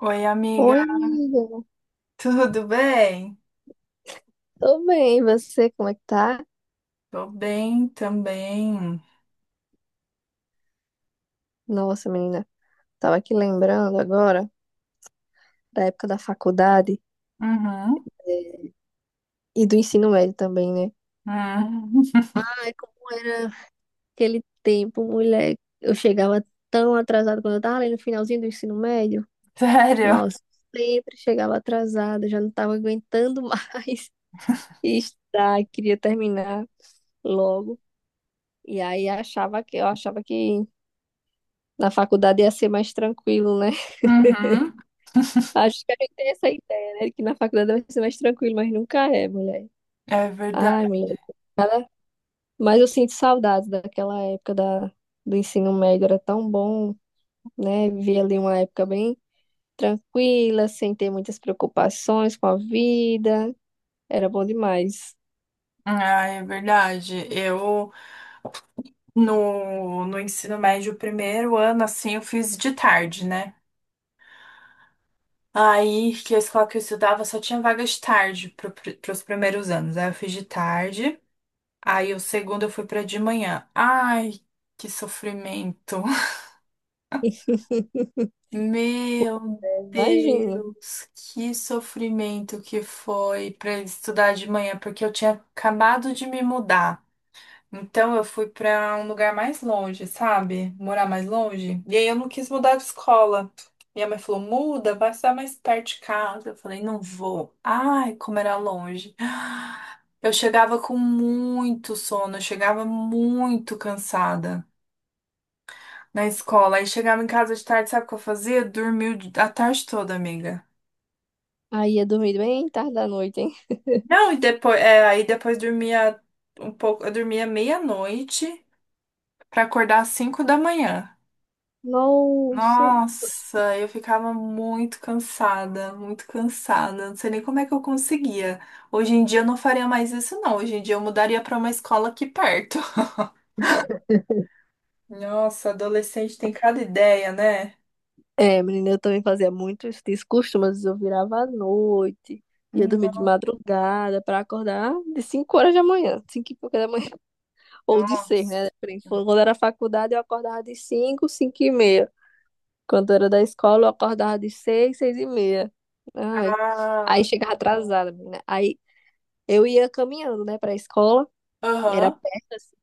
Oi, amiga, Oi, amiga. tudo bem? Tô bem, e você, como é que tá? Tô bem também. Nossa, menina, tava aqui lembrando agora da época da faculdade Uhum. eh, e do ensino médio também, né? Uhum. Ai, como era aquele tempo, mulher. Eu chegava tão atrasada quando eu tava ali no finalzinho do ensino médio. Sério? Nossa, sempre chegava atrasada, já não tava aguentando mais estudar, queria terminar logo. E aí achava que na faculdade ia ser mais tranquilo, né? Uhum. Acho que a gente tem essa ideia, né? Que na faculdade vai ser mais tranquilo, mas nunca é, mulher. É Ai, verdade. mulher. Mas eu sinto saudades daquela época do ensino médio, era tão bom, né? Viver ali uma época bem tranquila, sem ter muitas preocupações com a vida. Era bom demais. Ah, é verdade. Eu, no ensino médio, primeiro ano, assim, eu fiz de tarde, né? Aí, que a escola que eu estudava só tinha vaga de tarde para os primeiros anos. Aí eu fiz de tarde. Aí o segundo eu fui pra de manhã. Ai, que sofrimento. Meu Imagino. Deus, que sofrimento que foi para estudar de manhã, porque eu tinha acabado de me mudar. Então eu fui para um lugar mais longe, sabe? Morar mais longe. E aí eu não quis mudar de escola. Minha mãe falou: muda, vai estar mais perto de casa. Eu falei: não vou. Ai, como era longe. Eu chegava com muito sono, eu chegava muito cansada na escola. Aí chegava em casa de tarde, sabe o que eu fazia? Dormia a tarde toda, amiga. Aí ia dormir bem tarde da noite, hein? Não, e depois, é, aí depois dormia um pouco, eu dormia meia-noite pra acordar às 5 da manhã. Nossa. Nossa, eu ficava muito cansada, muito cansada. Não sei nem como é que eu conseguia. Hoje em dia eu não faria mais isso, não. Hoje em dia eu mudaria pra uma escola aqui perto. Nossa, adolescente tem cada ideia, né? É, menina, eu também fazia muito isso, descostume, mas eu virava à noite, ia dormir de madrugada pra acordar de 5 horas da manhã, 5 e pouca da manhã, ou de 6, né? Nossa. Depende. Quando era faculdade, eu acordava de 5, 5 e meia. Quando era da escola, eu acordava de 6, 6 e meia. Ai, aí Ah, chegava atrasada, menina. Aí eu ia caminhando, né, pra escola, era aham. perto, assim.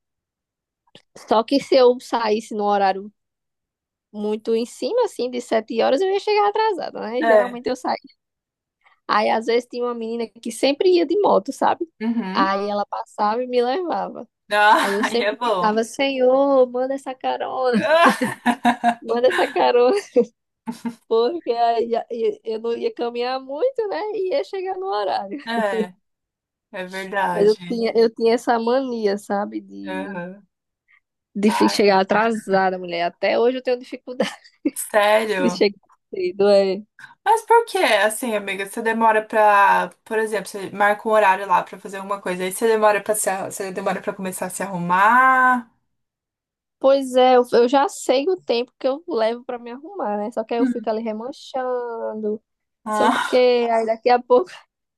Só que se eu saísse num horário muito em cima, assim, de 7 horas, eu ia chegar atrasada, né? É. Geralmente eu saía. Aí às vezes tinha uma menina que sempre ia de moto, sabe? Uhum. Aí ela passava e me levava. Ah, Aí eu aí é sempre bom. ficava, Senhor, manda essa carona, manda essa carona, porque aí eu não ia caminhar muito, né? E ia chegar no horário. Ah, é Mas eu verdade. tinha, eu tinha essa mania, sabe? De, Aham. de fi- Ai, chegar atrasada, mulher. Até hoje eu tenho dificuldade de sério? chegar cedo, é. Mas por que, assim, amiga, você demora pra, por exemplo, você marca um horário lá pra fazer alguma coisa, aí você demora pra se, você demora pra começar a se arrumar? Pois é, eu já sei o tempo que eu levo pra me arrumar, né? Só que aí eu fico Hum. ali remanchando, não sei o Ah, quê. Aí daqui a pouco.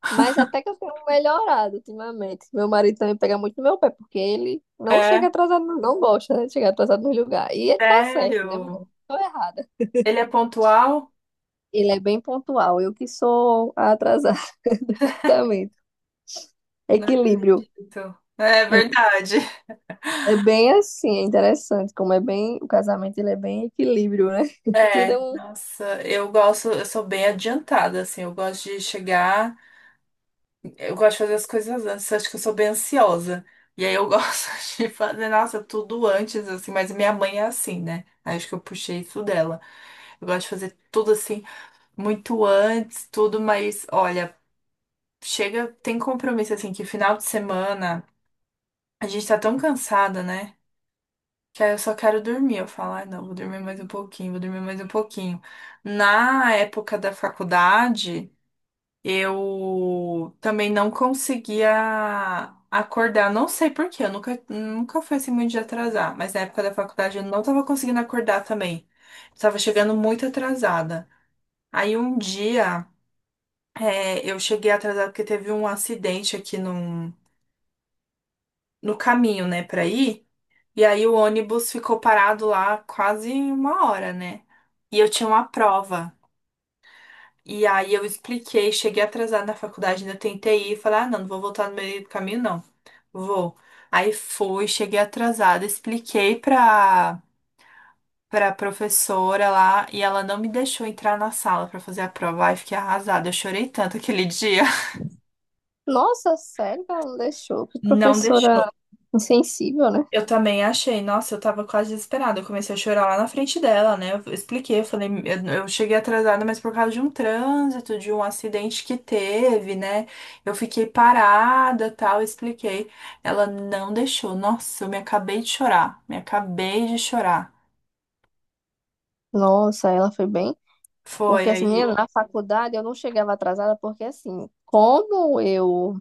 Mas até que eu tenho melhorado ultimamente. Meu marido também pega muito no meu pé, porque ele não chega é, atrasado, não gosta, né, de chegar atrasado no lugar. E ele tá certo, né, mulher? sério? Tô errada. Ele é pontual? Ele é bem pontual, eu que sou a atrasada do casamento. Não Equilíbrio. acredito. É verdade. É bem assim, é interessante como é bem, o casamento ele é bem equilíbrio, né? Tudo É, é um. nossa, eu gosto, eu sou bem adiantada, assim, eu gosto de chegar. Eu gosto de fazer as coisas antes, acho que eu sou bem ansiosa. E aí eu gosto de fazer, nossa, tudo antes, assim, mas minha mãe é assim, né? Aí acho que eu puxei isso dela. Eu gosto de fazer tudo assim, muito antes, tudo, mas olha, chega, tem compromisso assim, que final de semana a gente tá tão cansada, né? Que aí eu só quero dormir. Eu falo, ai não, vou dormir mais um pouquinho, vou dormir mais um pouquinho. Na época da faculdade. Eu também não conseguia acordar, não sei por quê, eu nunca, nunca fui assim muito de atrasar, mas na época da faculdade eu não tava conseguindo acordar também. Tava chegando muito atrasada. Aí um dia eu cheguei atrasada porque teve um acidente aqui no caminho, né, pra ir, e aí o ônibus ficou parado lá quase uma hora, né? E eu tinha uma prova. E aí eu expliquei, cheguei atrasada na faculdade, ainda tentei ir, falei, ah, não, não vou voltar no meio do caminho, não. Vou. Aí fui, cheguei atrasada, expliquei pra professora lá e ela não me deixou entrar na sala pra fazer a prova. Aí fiquei arrasada, eu chorei tanto aquele dia. Nossa, sério que ela não deixou? Que Não professora deixou. insensível, né? Eu também achei. Nossa, eu tava quase desesperada. Eu comecei a chorar lá na frente dela, né? Eu expliquei, eu falei, eu cheguei atrasada, mas por causa de um trânsito, de um acidente que teve, né? Eu fiquei parada, tal, eu expliquei. Ela não deixou. Nossa, eu me acabei de chorar, me acabei de chorar. Nossa, ela foi bem. Foi Porque assim, menino, aí. na faculdade eu não chegava atrasada, porque assim, como eu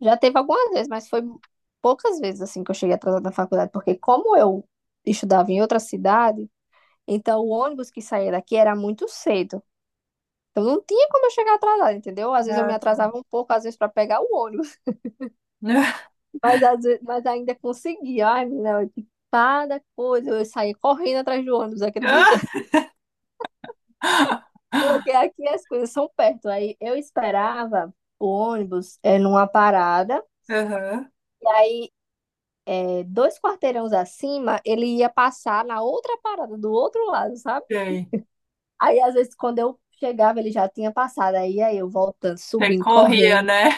já teve algumas vezes, mas foi poucas vezes assim que eu cheguei atrasada na faculdade, porque como eu estudava em outra cidade, então o ônibus que saía daqui era muito cedo. Então não tinha como eu chegar atrasada, entendeu? Às vezes eu me Gata. atrasava um pouco, às vezes para pegar o ônibus, mas às vezes, mas ainda conseguia. Ai, menina, eu- cada coisa, eu saía correndo atrás do ônibus, acredita? Porque aqui as coisas são perto. Aí eu esperava o ônibus numa parada, Aham. e aí 2 quarteirões acima, ele ia passar na outra parada do outro lado, sabe? Sei. Aí às vezes quando eu chegava, ele já tinha passado. Aí eu voltando, Você subindo, corria, correndo. né?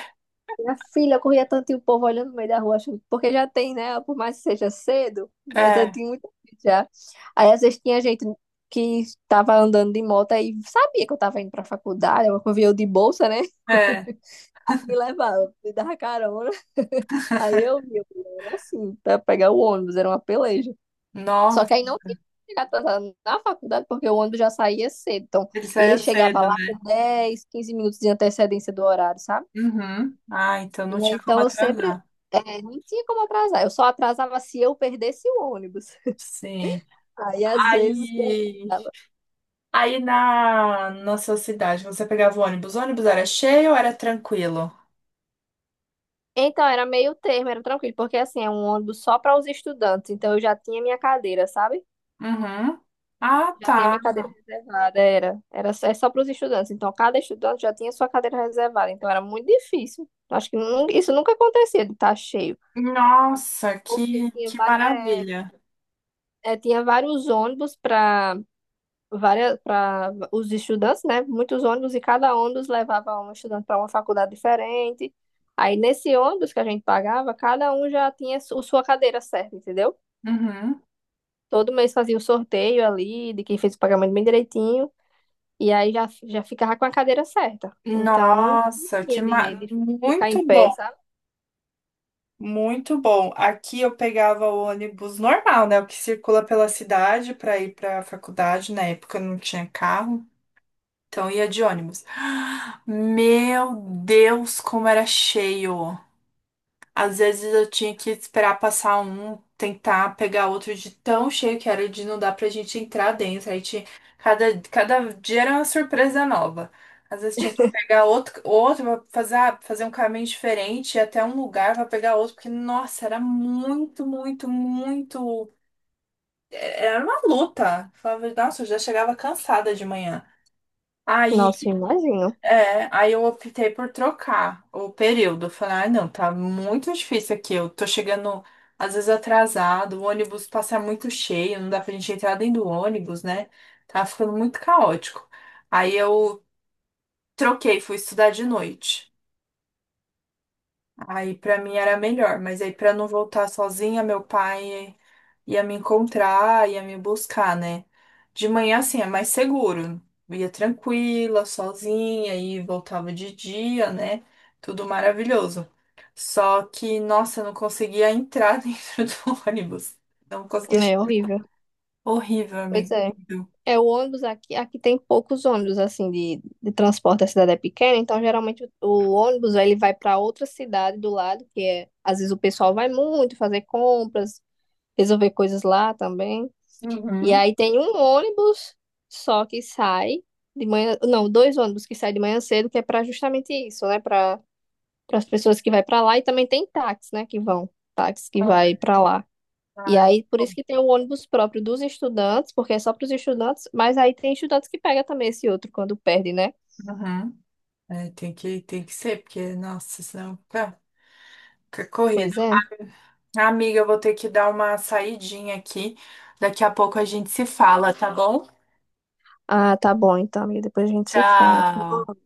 Minha filha, eu corria tanto e o povo olhando no meio da rua, achando, porque já tem, né? Por mais que seja cedo, mas eu É, tinha muita gente já. Aí às vezes tinha gente que estava andando de moto e sabia que eu estava indo para a faculdade, eu de bolsa, né? é. Me levava, me dava carona. Aí eu ia, era assim, pra pegar o ônibus, era uma peleja. Só Nossa, que aí não tinha como chegar atrasado na faculdade, porque o ônibus já saía cedo. Então, ele ele saía chegava cedo, lá com né? 10, 15 minutos de antecedência do horário, sabe? Uhum. Ah, então E não aí, tinha como então eu sempre. atrasar. É, não tinha como atrasar. Eu só atrasava se eu perdesse o ônibus. Sim. Aí, às vezes, que eu Aí, atrasava. aí na sua cidade, você pegava o ônibus? O ônibus era cheio ou era tranquilo? Então, era meio termo, era tranquilo, porque assim, é um ônibus só para os estudantes. Então, eu já tinha minha cadeira, sabe? Uhum. Ah, Já tinha tá. minha cadeira reservada, era. Era só- é só para os estudantes. Então, cada estudante já tinha sua cadeira reservada. Então, era muito difícil. Eu acho que nun- isso nunca acontecia de estar cheio. Nossa, Porque que, tinha, que vari- maravilha. Tinha vários ônibus para várias, para os estudantes, né? Muitos ônibus, e cada ônibus levava um estudante para uma faculdade diferente. Aí, nesse ônibus que a gente pagava, cada um já tinha su- sua cadeira certa, entendeu? Uhum. Todo mês fazia o sorteio ali, de quem fez o pagamento bem direitinho. E aí já ficava com a cadeira certa. Então, Nossa, que ia ma... de ficar em muito pé, bom. sabe? Muito bom. Aqui eu pegava o ônibus normal, né? O que circula pela cidade para ir para a faculdade. Na época eu não tinha carro, então eu ia de ônibus. Meu Deus, como era cheio! Às vezes eu tinha que esperar passar um, tentar pegar outro de tão cheio que era de não dar pra gente entrar dentro. Aí tinha, cada dia era uma surpresa nova. Às vezes tinha que pegar outro pra fazer, ah, fazer um caminho diferente, ir até um lugar pra pegar outro, porque, nossa, era muito, muito, muito. É, Era uma luta. Falava, nossa, eu já chegava cansada de manhã. Aí Nossa, imagino. Aí eu optei por trocar o período. Eu falei, ah, não, tá muito difícil aqui. Eu tô chegando às vezes atrasado, o ônibus passa muito cheio, não dá pra gente entrar dentro do ônibus, né? Tá ficando muito caótico. Aí eu troquei, fui estudar de noite. Aí pra mim era melhor, mas aí pra não voltar sozinha, meu pai ia me encontrar, ia me buscar, né? De manhã assim é mais seguro, eu ia tranquila, sozinha e voltava de dia, né? Tudo maravilhoso. Só que, nossa, eu não conseguia entrar dentro do ônibus. Não conseguia. É horrível. Horrível, Pois amigo. é. Horrível. É, o ônibus aqui, aqui tem poucos ônibus, assim, de transporte, a cidade é pequena, então geralmente o ônibus, ele vai para outra cidade do lado, que é, às vezes o pessoal vai muito fazer compras, resolver coisas lá também. E Uhum. aí tem um ônibus só que sai de manhã, não, 2 ônibus que saem de manhã cedo, que é para justamente isso, né, para as pessoas que vai para lá e também tem táxi, né, que vão, táxi que vai para lá. E Ai, aí por isso bom. que tem o ônibus próprio dos estudantes, porque é só para os estudantes, mas aí tem estudantes que pega também esse outro quando perde, né? Uhum. É, tem que ser, porque, nossa, senão fica, fica corrido. Pois é. Ah, amiga, eu vou ter que dar uma saidinha aqui. Daqui a pouco a gente se fala, tá bom? Ah, tá bom então, amiga, depois a gente se fala. Tchau.